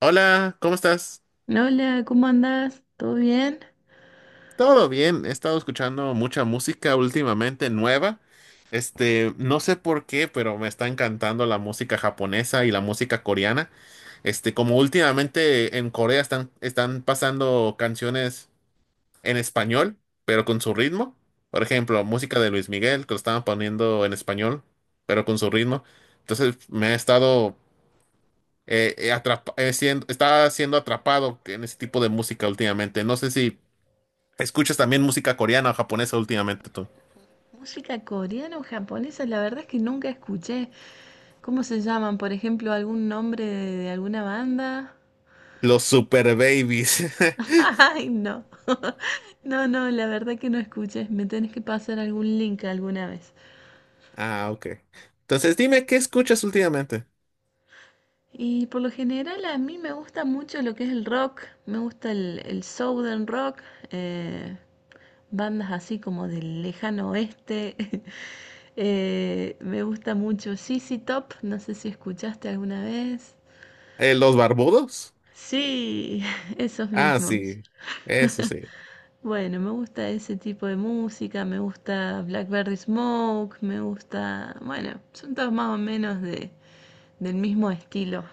Hola, ¿cómo estás? Hola, ¿cómo andás? ¿Todo bien? Todo bien, he estado escuchando mucha música últimamente nueva. Este, no sé por qué, pero me está encantando la música japonesa y la música coreana. Este, como últimamente en Corea están pasando canciones en español, pero con su ritmo. Por ejemplo, música de Luis Miguel, que lo estaban poniendo en español, pero con su ritmo. Entonces me he estado estaba siendo atrapado en ese tipo de música últimamente. No sé si escuchas también música coreana o japonesa últimamente tú. Música coreana o japonesa, la verdad es que nunca escuché. ¿Cómo se llaman? Por ejemplo, algún nombre de alguna banda. Los Super Babies. Ay, no. No, no, la verdad que no escuché. Me tenés que pasar algún link alguna vez. Ah, ok. Entonces dime, ¿qué escuchas últimamente? Y por lo general a mí me gusta mucho lo que es el rock. Me gusta el southern rock. eh, Bandas así como del lejano oeste. Me gusta mucho ZZ Top, no sé si escuchaste alguna vez. ¿Los barbudos? Sí, esos Ah, mismos. sí. Eso sí. Bueno, me gusta ese tipo de música, me gusta Blackberry Smoke, me gusta, bueno, son todos más o menos del mismo estilo,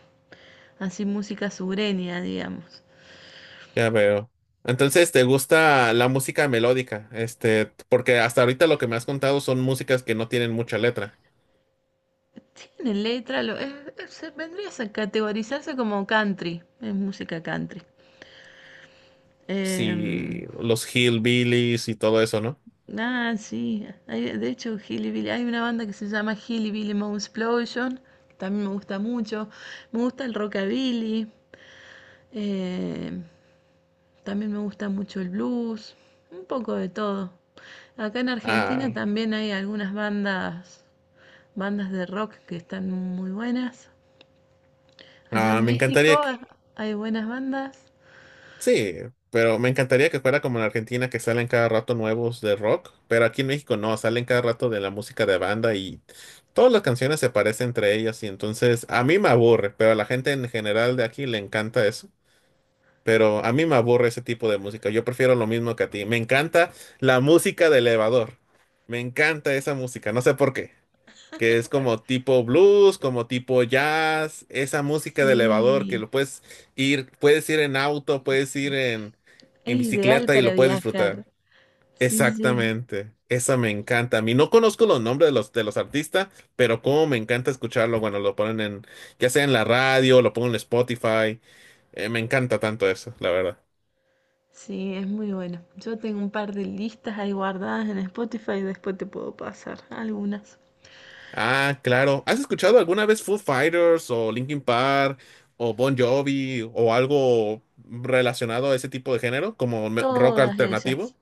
así música sureña, digamos. Ya veo. Entonces, ¿te gusta la música melódica? Este, porque hasta ahorita lo que me has contado son músicas que no tienen mucha letra. Tiene letra, lo, es- se- vendría a categorizarse como country, es música country. Sí, Em, los hillbillies y todo eso, ¿no? Ah, sí. De hecho, Hillbilly, hay una banda que se llama Hillbilly Explosion, también me gusta mucho. Me gusta el rockabilly, eh, también me gusta mucho el blues, un poco de todo. Acá en Argentina Ah, también hay algunas bandas, bandas de rock que están muy buenas. Allá ah, en me México encantaría. Hay buenas bandas. Sí, pero me encantaría que fuera como en Argentina, que salen cada rato nuevos de rock, pero aquí en México no, salen cada rato de la música de banda, y todas las canciones se parecen entre ellas, y entonces a mí me aburre, pero a la gente en general de aquí le encanta eso. Pero a mí me aburre ese tipo de música. Yo prefiero lo mismo que a ti, me encanta la música de elevador, me encanta esa música, no sé por qué, que es como tipo blues, como tipo jazz, esa música de elevador, que Sí, lo puedes ir en auto, puedes ir en, es en ideal bicicleta, y para lo puedes disfrutar. viajar. Sí, sí. Exactamente, esa me encanta. A mí no conozco los nombres de los artistas, pero como me encanta escucharlo cuando lo ponen en, ya sea en la radio, lo pongo en Spotify. Me encanta tanto eso, la verdad. Sí, es muy bueno. Yo tengo un par de listas ahí guardadas en Spotify, después te puedo pasar algunas. Ah, claro. ¿Has escuchado alguna vez Foo Fighters o Linkin Park o Bon Jovi o algo relacionado a ese tipo de género, rock Todas ellas. alternativo?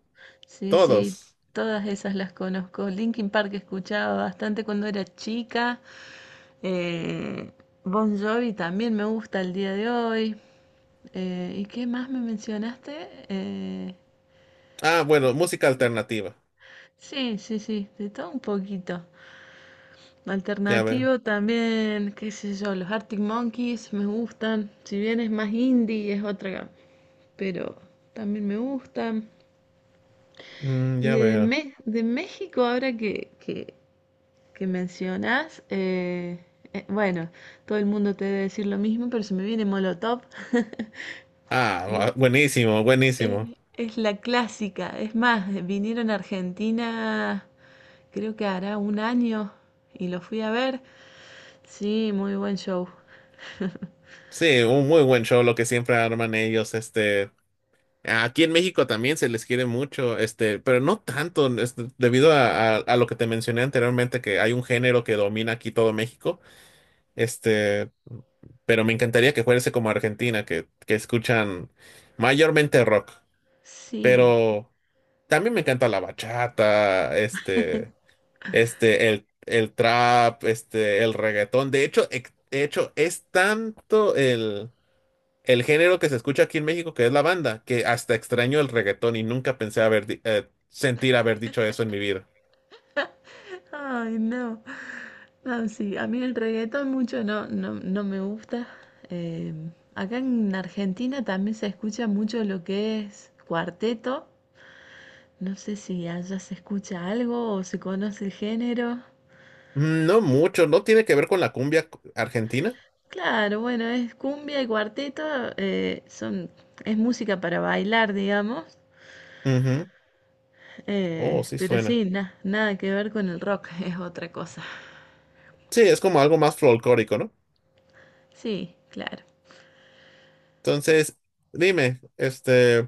Sí, sí, Todos. todas esas las conozco. Linkin Park escuchaba bastante cuando era chica. Eh, Bon Jovi también me gusta al día de hoy. ¿Y qué más me mencionaste? Eh, Ah, bueno, música alternativa. sí, sí, sí, de todo un poquito. Ya veo. Alternativo también, qué sé yo, los Arctic Monkeys me gustan. Si bien es más indie, es otra, pero también me gustan. Ya veo. De México, ahora que mencionas, bueno, todo el mundo te debe decir lo mismo, pero se me viene Molotov. Ah, Mo- buenísimo, Es, buenísimo. es la clásica. Es más, vinieron a Argentina, creo que hará un año, y lo fui a ver. Sí, muy buen show. Sí, un muy buen show lo que siempre arman ellos. Este, aquí en México también se les quiere mucho, este, pero no tanto, este, debido a lo que te mencioné anteriormente, que hay un género que domina aquí todo México. Este, pero me encantaría que fuese como Argentina, que escuchan mayormente rock. Sí. Pero también me encanta la bachata, este, el trap, este, el reggaetón. De hecho, de hecho, es tanto el género que se escucha aquí en México, que es la banda, que hasta extraño el reggaetón, y nunca pensé haber, sentir haber dicho eso en mi vida. Ay, no. No, sí, a mí el reggaetón mucho no, no, no me gusta. Eh, Acá en Argentina también se escucha mucho lo que es cuarteto. No sé si allá se escucha algo o se conoce el género. No mucho, no tiene que ver con la cumbia argentina. Claro, bueno, es cumbia y cuarteto, eh, son, es música para bailar, digamos. Ujú. Oh, sí Pero suena. sí, nada que ver con el rock, es otra cosa. Sí, es como algo más folclórico, ¿no? Sí, claro. Entonces, dime, este,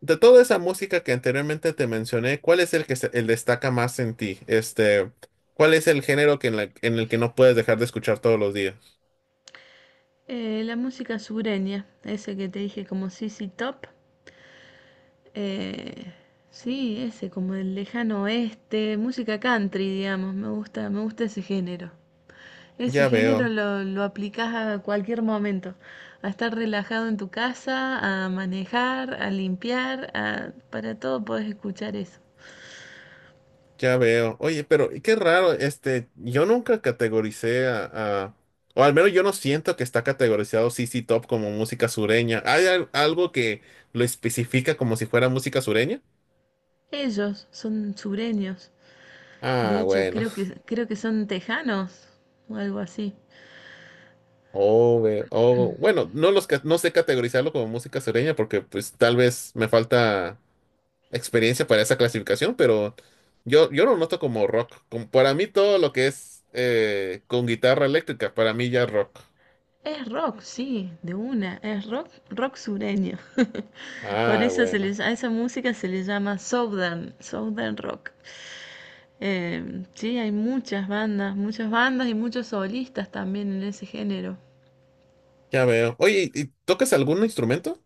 de toda esa música que anteriormente te mencioné, ¿cuál es el que el destaca más en ti? Este, ¿cuál es el género que en, en el que no puedes dejar de escuchar todos los días? La música sureña, ese que te dije como ZZ Top. Eh, sí, ese, como el lejano oeste, música country, digamos, me gusta ese género. Ese Ya género veo, lo aplicás a cualquier momento, a estar relajado en tu casa, a manejar, a limpiar, para todo podés escuchar eso. ya veo. Oye, pero qué raro, este, yo nunca categoricé o al menos yo no siento que está categorizado CC Top como música sureña. ¿Hay algo que lo especifica como si fuera música sureña? Ellos son sureños, de Ah, hecho bueno. Creo que son tejanos o algo así. O, bueno, no los no sé categorizarlo como música sureña porque pues tal vez me falta experiencia para esa clasificación, pero yo lo noto como rock. Como para mí todo lo que es con guitarra eléctrica, para mí ya es rock. Es rock, sí, de una, es rock, rock sureño. Por Ah, eso bueno, a esa música se le llama Southern, Southern Rock. Sí, hay muchas bandas y muchos solistas también en ese género. ya veo. Oye, ¿y tocas algún instrumento?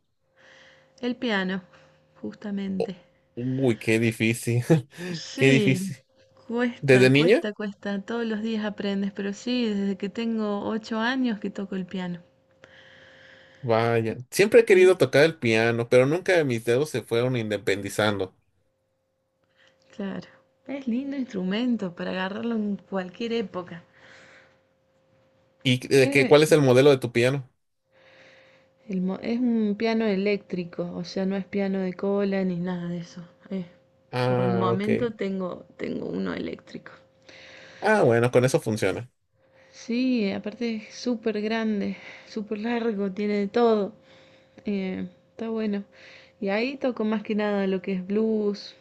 El piano, justamente. Uy, qué difícil, qué Sí, difícil. ¿Desde cuesta, niña? cuesta, cuesta. Todos los días aprendes, pero sí, desde que tengo ocho años que toco el piano. Vaya, siempre he Bien. querido tocar el piano, pero nunca mis dedos se fueron independizando. Claro. Es lindo instrumento para agarrarlo en cualquier época. ¿Y de qué, Es, cuál es el modelo de tu piano? Es un piano eléctrico, o sea, no es piano de cola ni nada de eso. Por el Ah, ok. momento tengo uno eléctrico. Ah, bueno, con eso funciona. Sí, aparte es súper grande, súper largo, tiene de todo. Está bueno. Y ahí toco más que nada lo que es blues.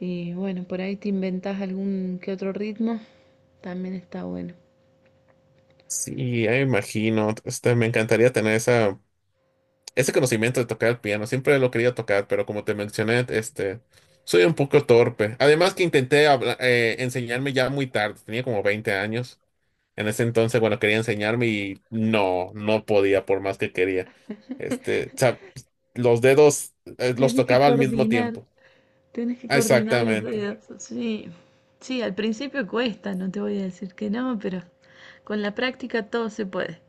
Y bueno, por ahí te inventás algún que otro ritmo. También está bueno. Sí, ya me imagino. Este, me encantaría tener esa, ese conocimiento de tocar el piano. Siempre lo quería tocar, pero como te mencioné, este, soy un poco torpe. Además que intenté enseñarme ya muy tarde. Tenía como 20 años. En ese entonces, bueno, quería enseñarme y no, no podía por más que quería. Este, o sea, los dedos, los Tenés que tocaba al mismo coordinar. tiempo. Tienes que Ah, coordinar los exactamente. dedos, sí. Sí, al principio cuesta, no te voy a decir que no, pero con la práctica todo se puede.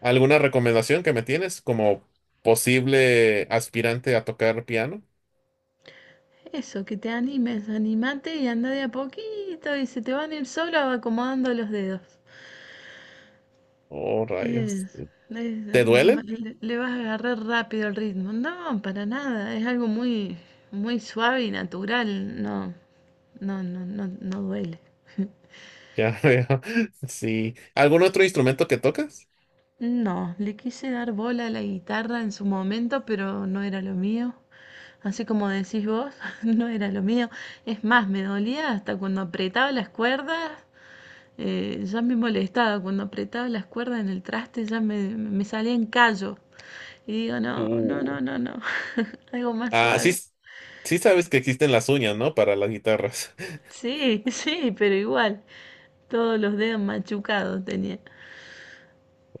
¿Alguna recomendación que me tienes como posible aspirante a tocar piano? Eso, que te animes, animate y anda de a poquito y se te van a ir solo acomodando los dedos. Oh, Es, rayos. es- ¿Te duelen? Le vas a agarrar rápido el ritmo. No, para nada, es algo muy, muy suave y natural, no, no, no duele. Ya veo. Sí. ¿Algún otro instrumento que tocas? No, le quise dar bola a la guitarra en su momento, pero no era lo mío. Así como decís vos, no era lo mío. Es más, me dolía hasta cuando apretaba las cuerdas. Ya me molestaba cuando apretaba las cuerdas en el traste, me salía en callo. Y digo, Uh. No. Algo más Ah, sí, suave. sí sabes que existen las uñas, ¿no? Para las guitarras. Sí, sí, pero igual. Todos los dedos machucados tenía.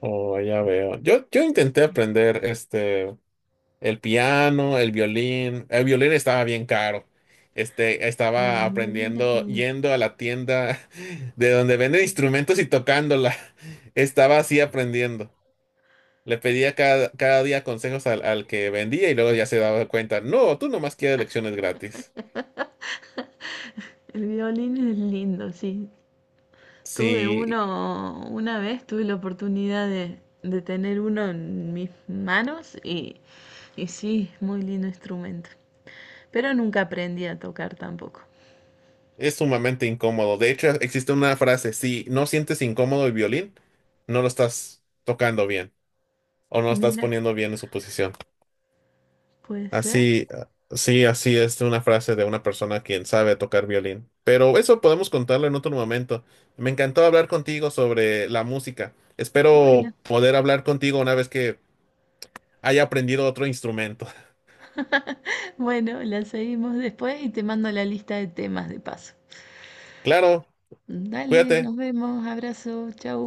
Oh, ya veo. Yo intenté aprender este. El piano, el violín. El violín estaba bien caro. Este, Ah, estaba el violín es aprendiendo, lindo. yendo a la tienda de donde venden instrumentos y tocándola. Estaba así aprendiendo. Le pedía cada día consejos al que vendía, y luego ya se daba cuenta. No, tú nomás quieres lecciones gratis. El violín es lindo, sí. Tuve Sí, uno, una vez tuve la oportunidad de tener uno en mis manos y sí, es muy lindo instrumento. Pero nunca aprendí a tocar tampoco. es sumamente incómodo. De hecho, existe una frase: si no sientes incómodo el violín, no lo estás tocando bien, o no lo estás Mira, poniendo bien en su posición. puede ser. Así, sí, así es una frase de una persona quien sabe tocar violín. Pero eso podemos contarlo en otro momento. Me encantó hablar contigo sobre la música. Bueno, Espero poder hablar contigo una vez que haya aprendido otro instrumento. bueno, la seguimos después y te mando la lista de temas de paso. Claro, Dale, cuídate. nos vemos, abrazo, chau.